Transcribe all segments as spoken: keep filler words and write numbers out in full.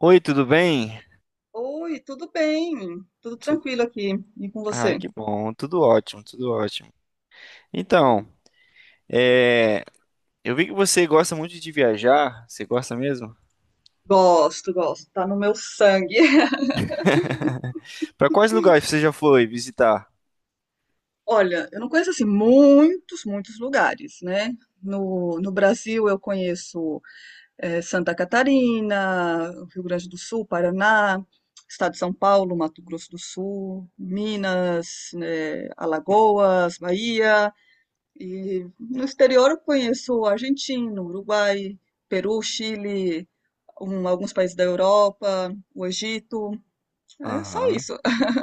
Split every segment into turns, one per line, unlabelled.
Oi, tudo bem?
Oi, tudo bem? Tudo
Tu-
tranquilo aqui. E com
Ai,
você?
que bom, tudo ótimo, tudo ótimo. Então,
Bom,
é, eu vi que você gosta muito de viajar, você gosta mesmo?
gosto, gosto. Tá no meu sangue.
Para quais lugares você já foi visitar?
Olha, eu não conheço assim muitos, muitos lugares, né? No, no Brasil eu conheço eh, Santa Catarina, Rio Grande do Sul, Paraná, Estado de São Paulo, Mato Grosso do Sul, Minas, né, Alagoas, Bahia. E no exterior eu conheço Argentina, Uruguai, Peru, Chile, um- alguns países da Europa, o Egito. É só
Aham.
isso.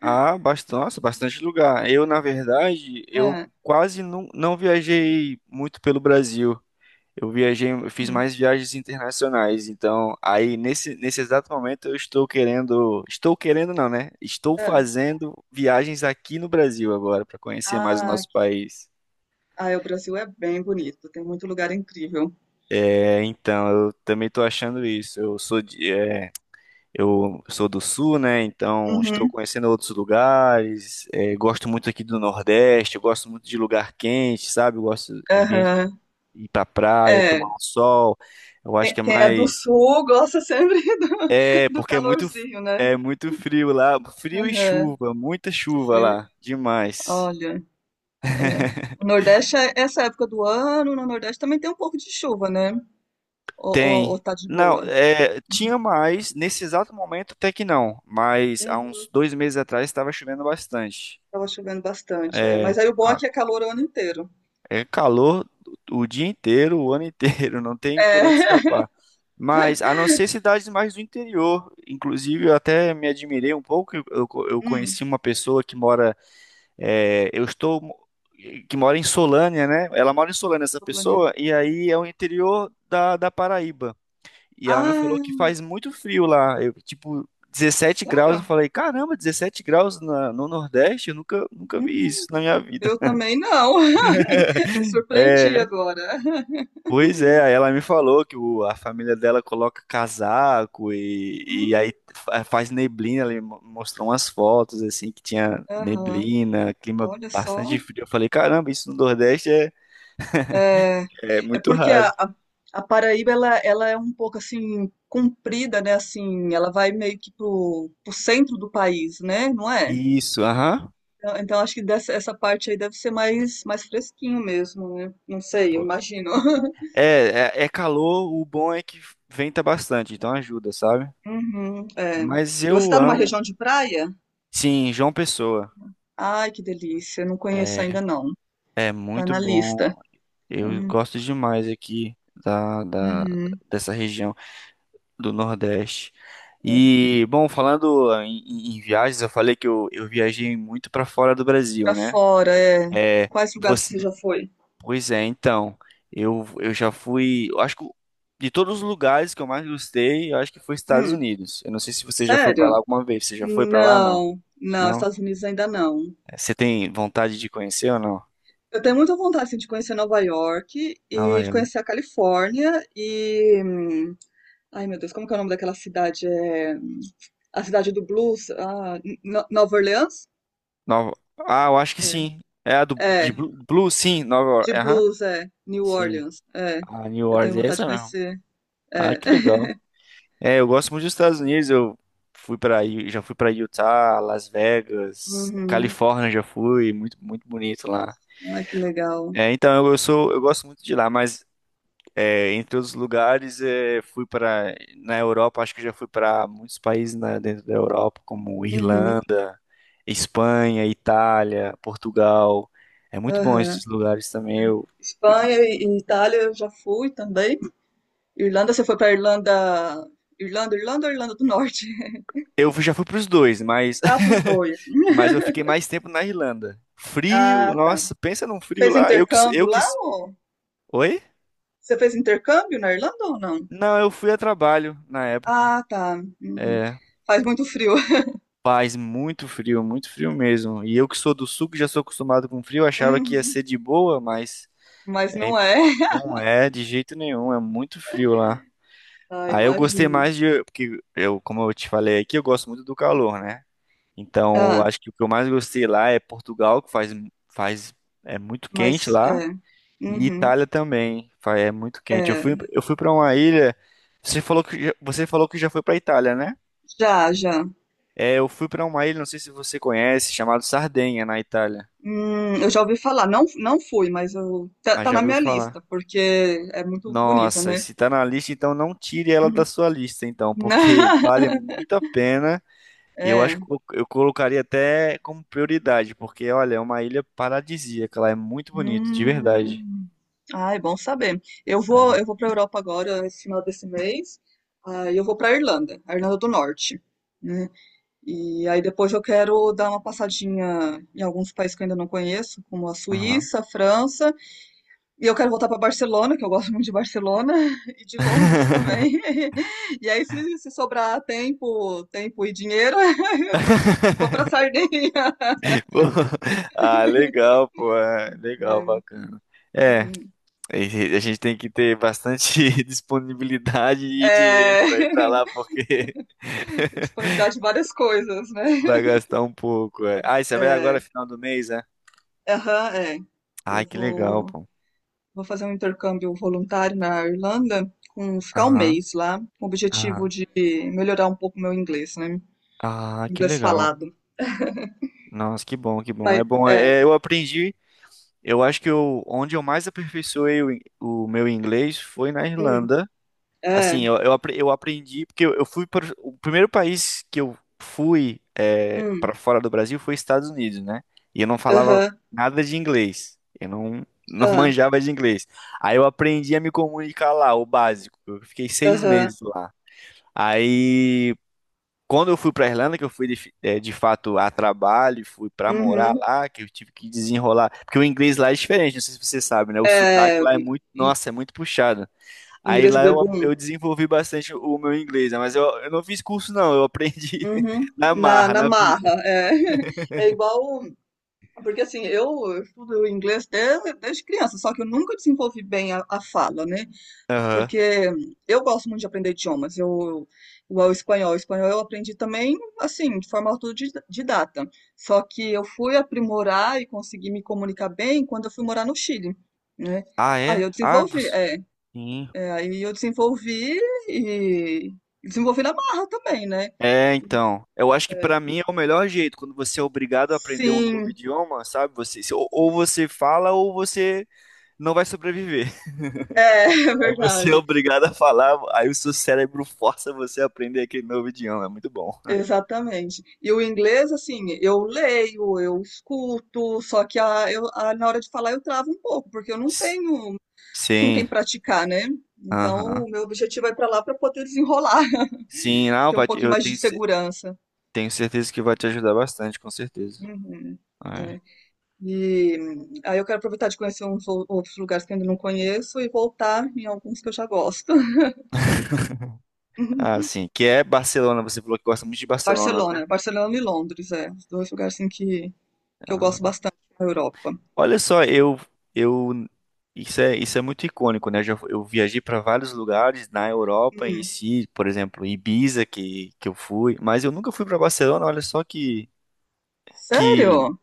Ah, bastante, nossa, bastante lugar. Eu, na verdade, eu
É,
quase não, não viajei muito pelo Brasil. Eu viajei, eu fiz
hum,
mais viagens internacionais, então aí nesse, nesse exato momento eu estou querendo, estou querendo não, né? Estou
é.
fazendo viagens aqui no Brasil agora para conhecer mais o
Ah,
nosso país.
ah, é, o Brasil é bem bonito, tem muito lugar incrível.
É, então eu também estou achando isso. Eu sou de, é, eu sou do Sul, né? Então estou
Uhum,
conhecendo outros lugares. É, gosto muito aqui do Nordeste. Eu gosto muito de lugar quente, sabe? Eu gosto de ambiente
aham.
ir para praia,
É,
tomar um sol. Eu acho
quem
que é
quem é do
mais.
sul gosta sempre do,
É,
do
porque é muito,
calorzinho, né?
é muito frio lá. Frio e
Aham,
chuva, muita chuva
sim.
lá. Demais.
Olha, é, o Nordeste, é- essa época do ano, no Nordeste também tem um pouco de chuva, né? Ou, ou- ou
Tem.
tá de
Não,
boa?
é, tinha mais. Nesse exato momento, até que não. Mas há
Uhum,
uns dois meses atrás estava chovendo bastante.
tava chovendo bastante, é.
É,
Mas aí o bom é
a-
que é calor o ano inteiro.
é calor o dia inteiro, o ano inteiro. Não tem por
É.
onde escapar. Mas a não ser cidades mais do interior. Inclusive, eu até me admirei um pouco. Eu, eu
Hum,
conheci uma pessoa que mora. É, eu estou Que mora em Solânia, né? Ela mora em Solânia, essa
tô planejando.
pessoa, e aí é o interior da, da Paraíba. E ela me falou
Ah,
que faz muito frio lá, eu, tipo dezessete graus. Eu
sério?
falei, caramba, dezessete graus na- no Nordeste? Eu nunca, nunca
Hum,
vi isso na minha vida.
Eu também não. Me surpreendi
É,
agora.
pois é, aí ela me falou que o- a família dela coloca casaco e,
hum,
e aí fa- faz neblina. Ela me mo- mostrou umas fotos assim que tinha
aham,
neblina, clima
olha
bastante
só.
frio. Eu falei, caramba, isso no Nordeste é,
É,
é
é
muito
porque
raro.
a, a, a, Paraíba ela, ela é um pouco assim comprida, né? Assim, ela vai meio que pro, pro centro do país, né? Não é?
Isso, aham.
Então, então acho que dessa, essa parte aí deve ser mais mais fresquinho mesmo, né? Não sei, eu imagino.
É, é, é calor, o bom é que venta bastante, então ajuda, sabe?
Uhum, é.
Mas
E você
eu
está numa
amo.
região de praia?
Sim, João Pessoa.
Ai, que delícia. Não conheço
É,
ainda não.
é
Tá
muito
na lista.
bom. Eu
Hum,
gosto demais aqui da, da,
Uhum.
dessa região. Do Nordeste. E, bom, falando em, em- em viagens, eu falei que eu, eu viajei muito para fora do Brasil,
Pra
né?
fora, é.
É,
Quais lugares
você,
você já foi?
pois é, então, eu, eu já fui, eu acho que de todos os lugares que eu mais gostei, eu acho que foi Estados
Hum,
Unidos. Eu não sei se você já foi para lá
sério?
alguma vez. Você já foi para lá? Não?
Não, não,
Não?
Estados Unidos ainda não.
É, você tem vontade de conhecer ou não?
Eu tenho muita vontade assim, de conhecer Nova York
Nova
e de
York.
conhecer a Califórnia e. hum, Ai, meu Deus, como que é o nome daquela cidade? É... A cidade do blues? Ah, N- N- Nova Orleans?
Nova... Ah, eu acho que
É.
sim. É a do,
É,
de Blue, Blue, sim, Nova
de
York. Aham.
blues, é. New
Sim.
Orleans, é.
A New
Eu tenho
Orleans é
vontade de
essa mesmo.
conhecer.
Ah,
É.
que legal. É, eu gosto muito dos Estados Unidos. Eu fui para, já fui para Utah, Las Vegas,
Uhum.
Califórnia já fui, muito muito bonito lá.
Ai, que legal.
É, então eu, eu sou, eu gosto muito de lá, mas é, entre outros lugares, é, fui para na Europa, acho que já fui para muitos países na- dentro da Europa, como
Uhum.
Irlanda, Espanha, Itália, Portugal. É muito bom
Aham.
esses lugares também. Eu,
Espanha e e Itália eu já fui também. Irlanda, você foi para Irlanda. Irlanda, Irlanda ou Irlanda do Norte?
eu já fui para os dois, mas
Ah, pros dois. Hum?
mas eu fiquei mais tempo na Irlanda. Frio,
Ah, tá.
nossa, pensa num frio
Fez
lá. Eu que,
intercâmbio
eu que.
lá ou?
Oi?
Você fez intercâmbio na Irlanda ou não?
Não, eu fui a trabalho na época.
Ah, tá. Uhum.
É,
Faz muito frio.
faz muito frio, muito frio mesmo. E eu que sou do sul, que já sou acostumado com frio, achava que ia
Uhum.
ser de boa, mas
Mas
é,
não é.
não é de jeito nenhum, é muito frio lá.
Ah,
Aí eu gostei
imagino.
mais de, porque eu, como eu te falei aqui, eu gosto muito do calor, né? Então,
Ah,
acho que o que eu mais gostei lá é Portugal, que faz, faz é muito quente
mas
lá.
é.
E
Uhum.
Itália também, fa- é muito quente. Eu fui,
É.
eu fui para uma ilha. Você falou que já- você falou que já foi para Itália, né?
Já, já.
É, eu fui para uma ilha, não sei se você conhece, chamado Sardenha na Itália,
Hum, eu já ouvi falar. Não, não fui, mas eu, tá,
mas
tá
já
na
ouviu
minha
falar.
lista, porque é muito bonita,
Nossa, e
né?
se tá na lista, então não tire ela da
Uhum.
sua lista, então, porque vale muito a pena. E eu acho
É.
que eu eu colocaria até como prioridade, porque olha, é uma ilha paradisíaca, ela é muito bonito, de verdade.
Hum. Ah, é bom saber. Eu vou, eu
É.
vou para Europa agora, esse final desse mês. Aí eu vou para Irlanda, a Irlanda do Norte, né? E aí depois eu quero dar uma passadinha em alguns países que eu ainda não conheço, como a
Aham.
Suíça, a França. E eu quero voltar para Barcelona, que eu gosto muito de Barcelona e de Londres também. E aí, se, se sobrar tempo, tempo, e dinheiro, eu vou, vou para Sardinha.
Pô, ah, legal, pô. É, legal,
É,
bacana. É,
uhum.
a gente tem que ter bastante disponibilidade e dinheiro
É,
pra ir pra lá, porque
disponibilidade de várias coisas, né?
vai gastar um pouco. É. Ah, e você vai agora
É,
final do mês, é?
aham, é.
Ai,
Eu
que legal,
vou,
pô.
vou fazer um intercâmbio voluntário na Irlanda, com, ficar um
Aham,
mês lá, com o
aham.
objetivo de melhorar um pouco meu inglês, né?
Ah, que
Inglês
legal.
falado.
Nossa, que bom, que bom.
Mas,
É bom,
é,
é, eu aprendi. Eu acho que eu, onde eu mais aperfeiçoei o, in- o meu inglês foi na
hum,
Irlanda. Assim,
é,
eu, eu, apre- eu aprendi, porque eu, eu fui para o primeiro país que eu fui, é,
hum,
para fora do Brasil foi Estados Unidos, né? E eu não falava
aham.
nada de inglês. Eu não, não
Ah,
manjava de inglês. Aí eu aprendi a me comunicar lá, o básico. Eu fiquei seis
aham.
meses lá. Aí, quando eu fui para Irlanda, que eu fui de, fi- é, de fato a trabalho, fui para morar
Uhum.
lá, que eu tive que desenrolar. Porque o inglês lá é diferente, não sei se você sabe, né? O sotaque
É,
lá é muito,
In
nossa, é muito puxado. Aí
Ingrid
lá eu,
Bebum.
eu desenvolvi bastante o meu inglês, né? Mas eu, eu não fiz curso, não. Eu aprendi
Uhum.
na
Na
marra,
na
na vida.
marra, é. É igual porque, assim, eu estudo inglês desde desde criança, só que eu nunca desenvolvi bem a a fala, né,
Aham.
porque eu gosto muito de aprender idiomas, eu igual o espanhol, o espanhol eu aprendi também, assim, de forma autodidata, só que eu fui aprimorar e consegui me comunicar bem quando eu fui morar no Chile, né.
Ah,
Aí
é?
eu
Ah,
desenvolvi
você-
é.
sim.
É, aí eu desenvolvi e desenvolvi na marra também, né?
É, então. Eu acho que
É,
pra mim é o melhor jeito, quando você é obrigado a aprender um novo
sim,
idioma, sabe? Você, se- ou, ou você fala ou você não vai sobreviver.
é, é
Aí você é
verdade,
obrigado a falar, aí o seu cérebro força você a aprender aquele novo idioma. É muito bom.
exatamente. E o inglês, assim, eu leio, eu escuto, só que a, eu, a- na hora de falar eu travo um pouco, porque eu não
S-
tenho com
Sim.
quem praticar, né? Então,
Aham.
o meu objetivo é para lá para poder desenrolar,
Sim, não,
ter um
vai-
pouquinho
eu
mais de
tenho.
segurança.
Tenho certeza que vai te ajudar bastante, com certeza.
Uhum,
É.
é. E hum, aí eu quero aproveitar de conhecer uns ou- outros lugares que eu ainda não conheço e voltar em alguns que eu já gosto.
Ah, sim, que é Barcelona, você falou que gosta muito de Barcelona, né?
Barcelona, Barcelona e Londres, é, os dois lugares assim que, que eu gosto
Ah,
bastante na Europa.
olha só, eu eu isso é isso é muito icônico, né? Já, eu viajei para vários lugares na Europa em
Hum.
si, por exemplo, Ibiza que que eu fui, mas eu nunca fui para Barcelona, olha só que que
Sério?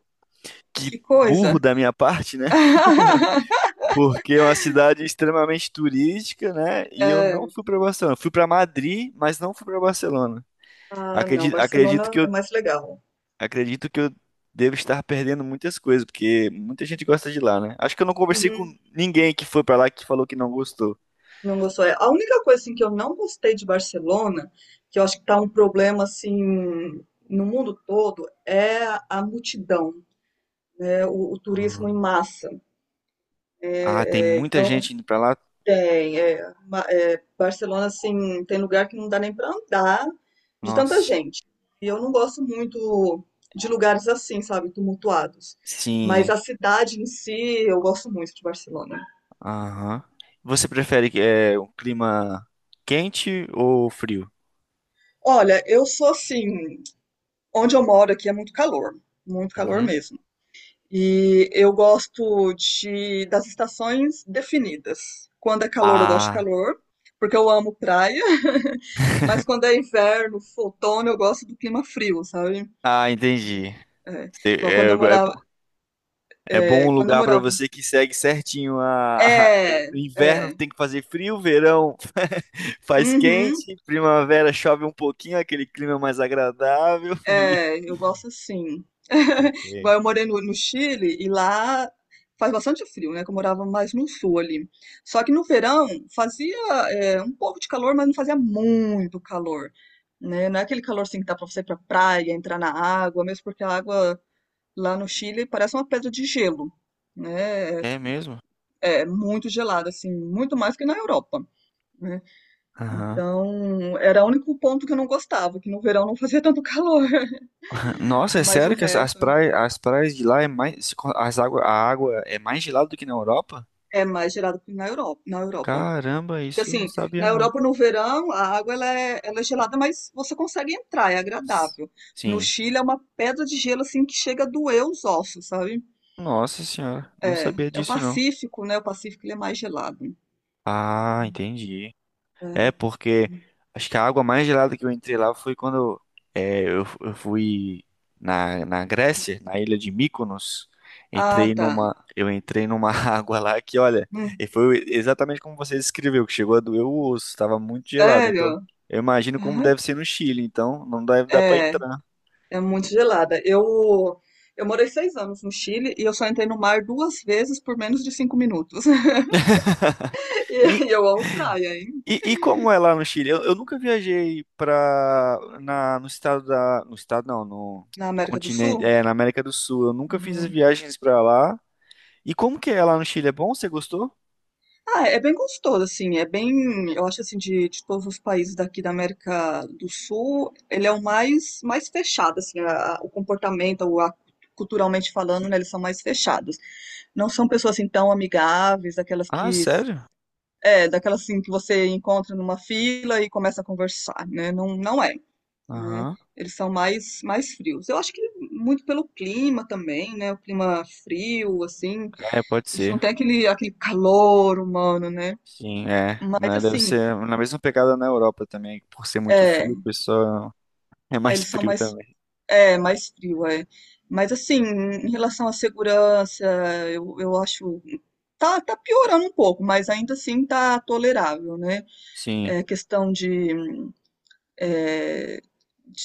que
Que
burro
coisa!
da minha parte, né? Porque é uma cidade extremamente turística, né? E eu
É,
não fui para Barcelona. Fui para Madrid, mas não fui para Barcelona.
ah, não,
Acredito, acredito
Barcelona
que eu
é mais legal.
Acredito que eu devo estar perdendo muitas coisas, porque muita gente gosta de lá, né? Acho que eu não conversei com
Uhum,
ninguém que foi pra lá que falou que não gostou.
não gostou. É, a única coisa assim, que eu não gostei de Barcelona, que eu acho que tá um problema assim no mundo todo, é a multidão, é o, o turismo em
Ah,
massa.
Ah, tem
É, é,
muita
então,
gente indo pra lá.
tem, é, Ma- é, Barcelona, assim, tem lugar que não dá nem para andar de tanta
Nossa.
gente. E eu não gosto muito de lugares assim, sabe, tumultuados. Mas
Sim.
a cidade em si, eu gosto muito de Barcelona.
Aham. Você prefere que é um clima quente ou frio?
Olha, eu sou assim, onde eu moro aqui é muito calor, muito calor
Uhum.
mesmo. E eu gosto de, das estações definidas. Quando é calor, eu gosto de
Ah,
calor, porque eu amo praia. Mas quando é inverno, outono, eu gosto do clima frio, sabe?
ah, entendi.
É,
Cê-
igual quando
É,
eu
é
morava.
bom. É bom um
É, quando eu
lugar pra
morava.
você que segue certinho a, a-
É,
o inverno
é.
tem que fazer frio, verão faz
Uhum.
quente, primavera chove um pouquinho, aquele clima mais agradável. E...
É, eu gosto assim.
Saquei.
Igual eu morei no, no Chile e lá faz bastante frio, né? Que eu morava mais no sul ali. Só que no verão fazia é, um pouco de calor, mas não fazia muito calor, né? Não é aquele calor assim que dá pra você ir pra praia, entrar na água, mesmo porque a água lá no Chile parece uma pedra de gelo, né? É,
É mesmo?
é muito gelada, assim, muito mais que na Europa. Né?
Aham.
Então, era o único ponto que eu não gostava, que no verão não fazia tanto calor,
Nossa, é
mas o
sério que as, as
resto.
praias, as praias de lá é mais, as água, a água é mais gelada do que na Europa?
É mais gelado que na Europa, na Europa.
Caramba,
Porque
isso eu não
assim,
sabia
na
não.
Europa no verão a água ela é, ela é gelada, mas você consegue entrar, é agradável. No
Sim.
Chile é uma pedra de gelo assim que chega a doer os ossos, sabe?
Nossa senhora, não
É,
sabia
é o
disso não.
Pacífico, né? O Pacífico ele é mais gelado.
Ah, entendi. É,
É.
porque acho que a água mais gelada que eu entrei lá foi quando é, eu, eu fui na, na Grécia, na ilha de Mykonos.
Ah,
Entrei
tá.
numa, eu entrei numa água lá que, olha,
Hum,
e foi exatamente como você descreveu, que chegou a doer o osso, estava muito gelado. Então,
sério?
eu imagino como deve ser no Chile, então não deve dar para
É,
entrar.
é muito gelada. Eu eu morei seis anos no Chile e eu só entrei no mar duas vezes por menos de cinco minutos.
E,
E eu amo praia, hein?
e, e como é lá no Chile? Eu, eu nunca viajei para na no estado da, no estado não, no
Na América do Sul.
continente, é, na América do Sul. Eu nunca fiz as
Uhum.
viagens para lá. E como que é lá no Chile? É bom? Você gostou?
Ah, é bem gostoso, assim, é bem, eu acho assim, de, de todos os países daqui da América do Sul, ele é o mais, mais fechado, assim, a- o comportamento, o, a- culturalmente falando, né, eles são mais fechados. Não são pessoas, assim, tão amigáveis, daquelas
Ah,
que,
sério?
é, daquelas, assim, que você encontra numa fila e começa a conversar, né, não, não é, né,
Aham.
eles são mais, mais frios. Eu acho que muito pelo clima também, né, o clima frio, assim,
É, pode
eles não
ser.
têm aquele, aquele calor humano, né,
Sim, é,
mas
né? Deve
assim,
ser na mesma pegada na Europa também, por ser muito
é,
frio, o pessoal é mais
eles são
frio
mais,
também.
é, mais frio, é. Mas assim, em relação à segurança, eu, eu acho. Tá, tá piorando um pouco, mas ainda assim tá tolerável, né?
Sim.
É questão de é,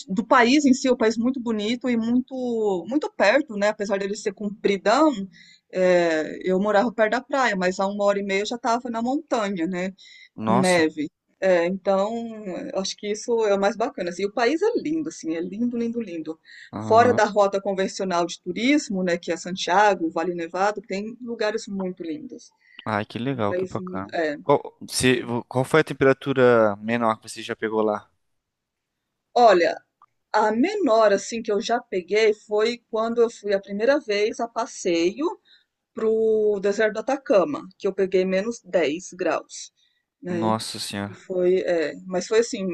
do país em si, é um país muito bonito e muito, muito perto, né? Apesar dele ser compridão, é, eu morava perto da praia, mas há uma hora e meia eu já estava na montanha, né? Com
Nossa.
neve. É, então, eu acho que isso é o mais bacana. Assim, o país é lindo, assim, é lindo, lindo, lindo. Fora
Aham.
da rota convencional de turismo, né, que é Santiago, Vale Nevado, tem lugares muito lindos.
Ai, que
É um
legal, que
país muito.
bacana.
É.
Qual, se, qual foi a temperatura menor que você já pegou lá?
Olha, a menor, assim, que eu já peguei foi quando eu fui a primeira vez a passeio pro deserto do Atacama, que eu peguei menos dez graus, né?
Nossa
E
senhora.
foi, é, mas foi assim,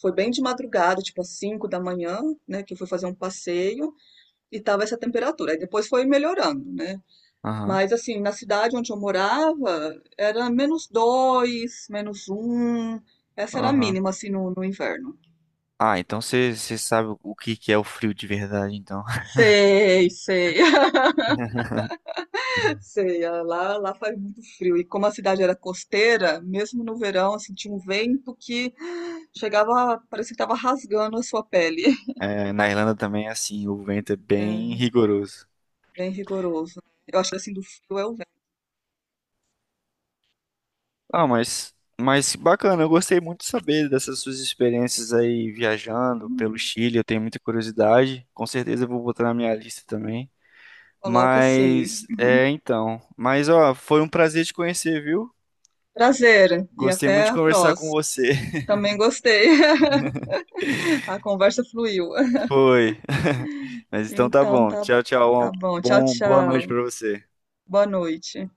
foi bem de madrugada, tipo às cinco da manhã, né? Que eu fui fazer um passeio e tava essa temperatura. Aí depois foi melhorando, né?
Aham.
Mas assim, na cidade onde eu morava, era menos dois, menos um. Essa era a
Aham.
mínima, assim, no, no inverno.
Ah, então você você sabe o que que é o frio de verdade, então.
Sei, sei. Sei, ah, lá, lá faz muito frio. E como a cidade era costeira, mesmo no verão, assim, tinha um vento que chegava, parecia que estava rasgando a sua pele.
É, na Irlanda também é assim, o vento é bem
É,
rigoroso.
bem rigoroso. Eu acho que assim do frio é o vento.
Ah, mas, mas bacana, eu gostei muito de saber dessas suas experiências aí viajando pelo
Uhum.
Chile, eu tenho muita curiosidade, com certeza eu vou botar na minha lista também.
Coloca assim.
Mas, é, então, mas ó, foi um prazer te conhecer, viu?
Prazer e
Gostei muito
até
de
a
conversar com
próxima.
você.
Também gostei. A conversa fluiu.
Foi. Mas então tá
Então
bom.
tá,
Tchau, tchau. Uma
tá bom. Tchau,
bom, boa noite
tchau.
pra você.
Boa noite.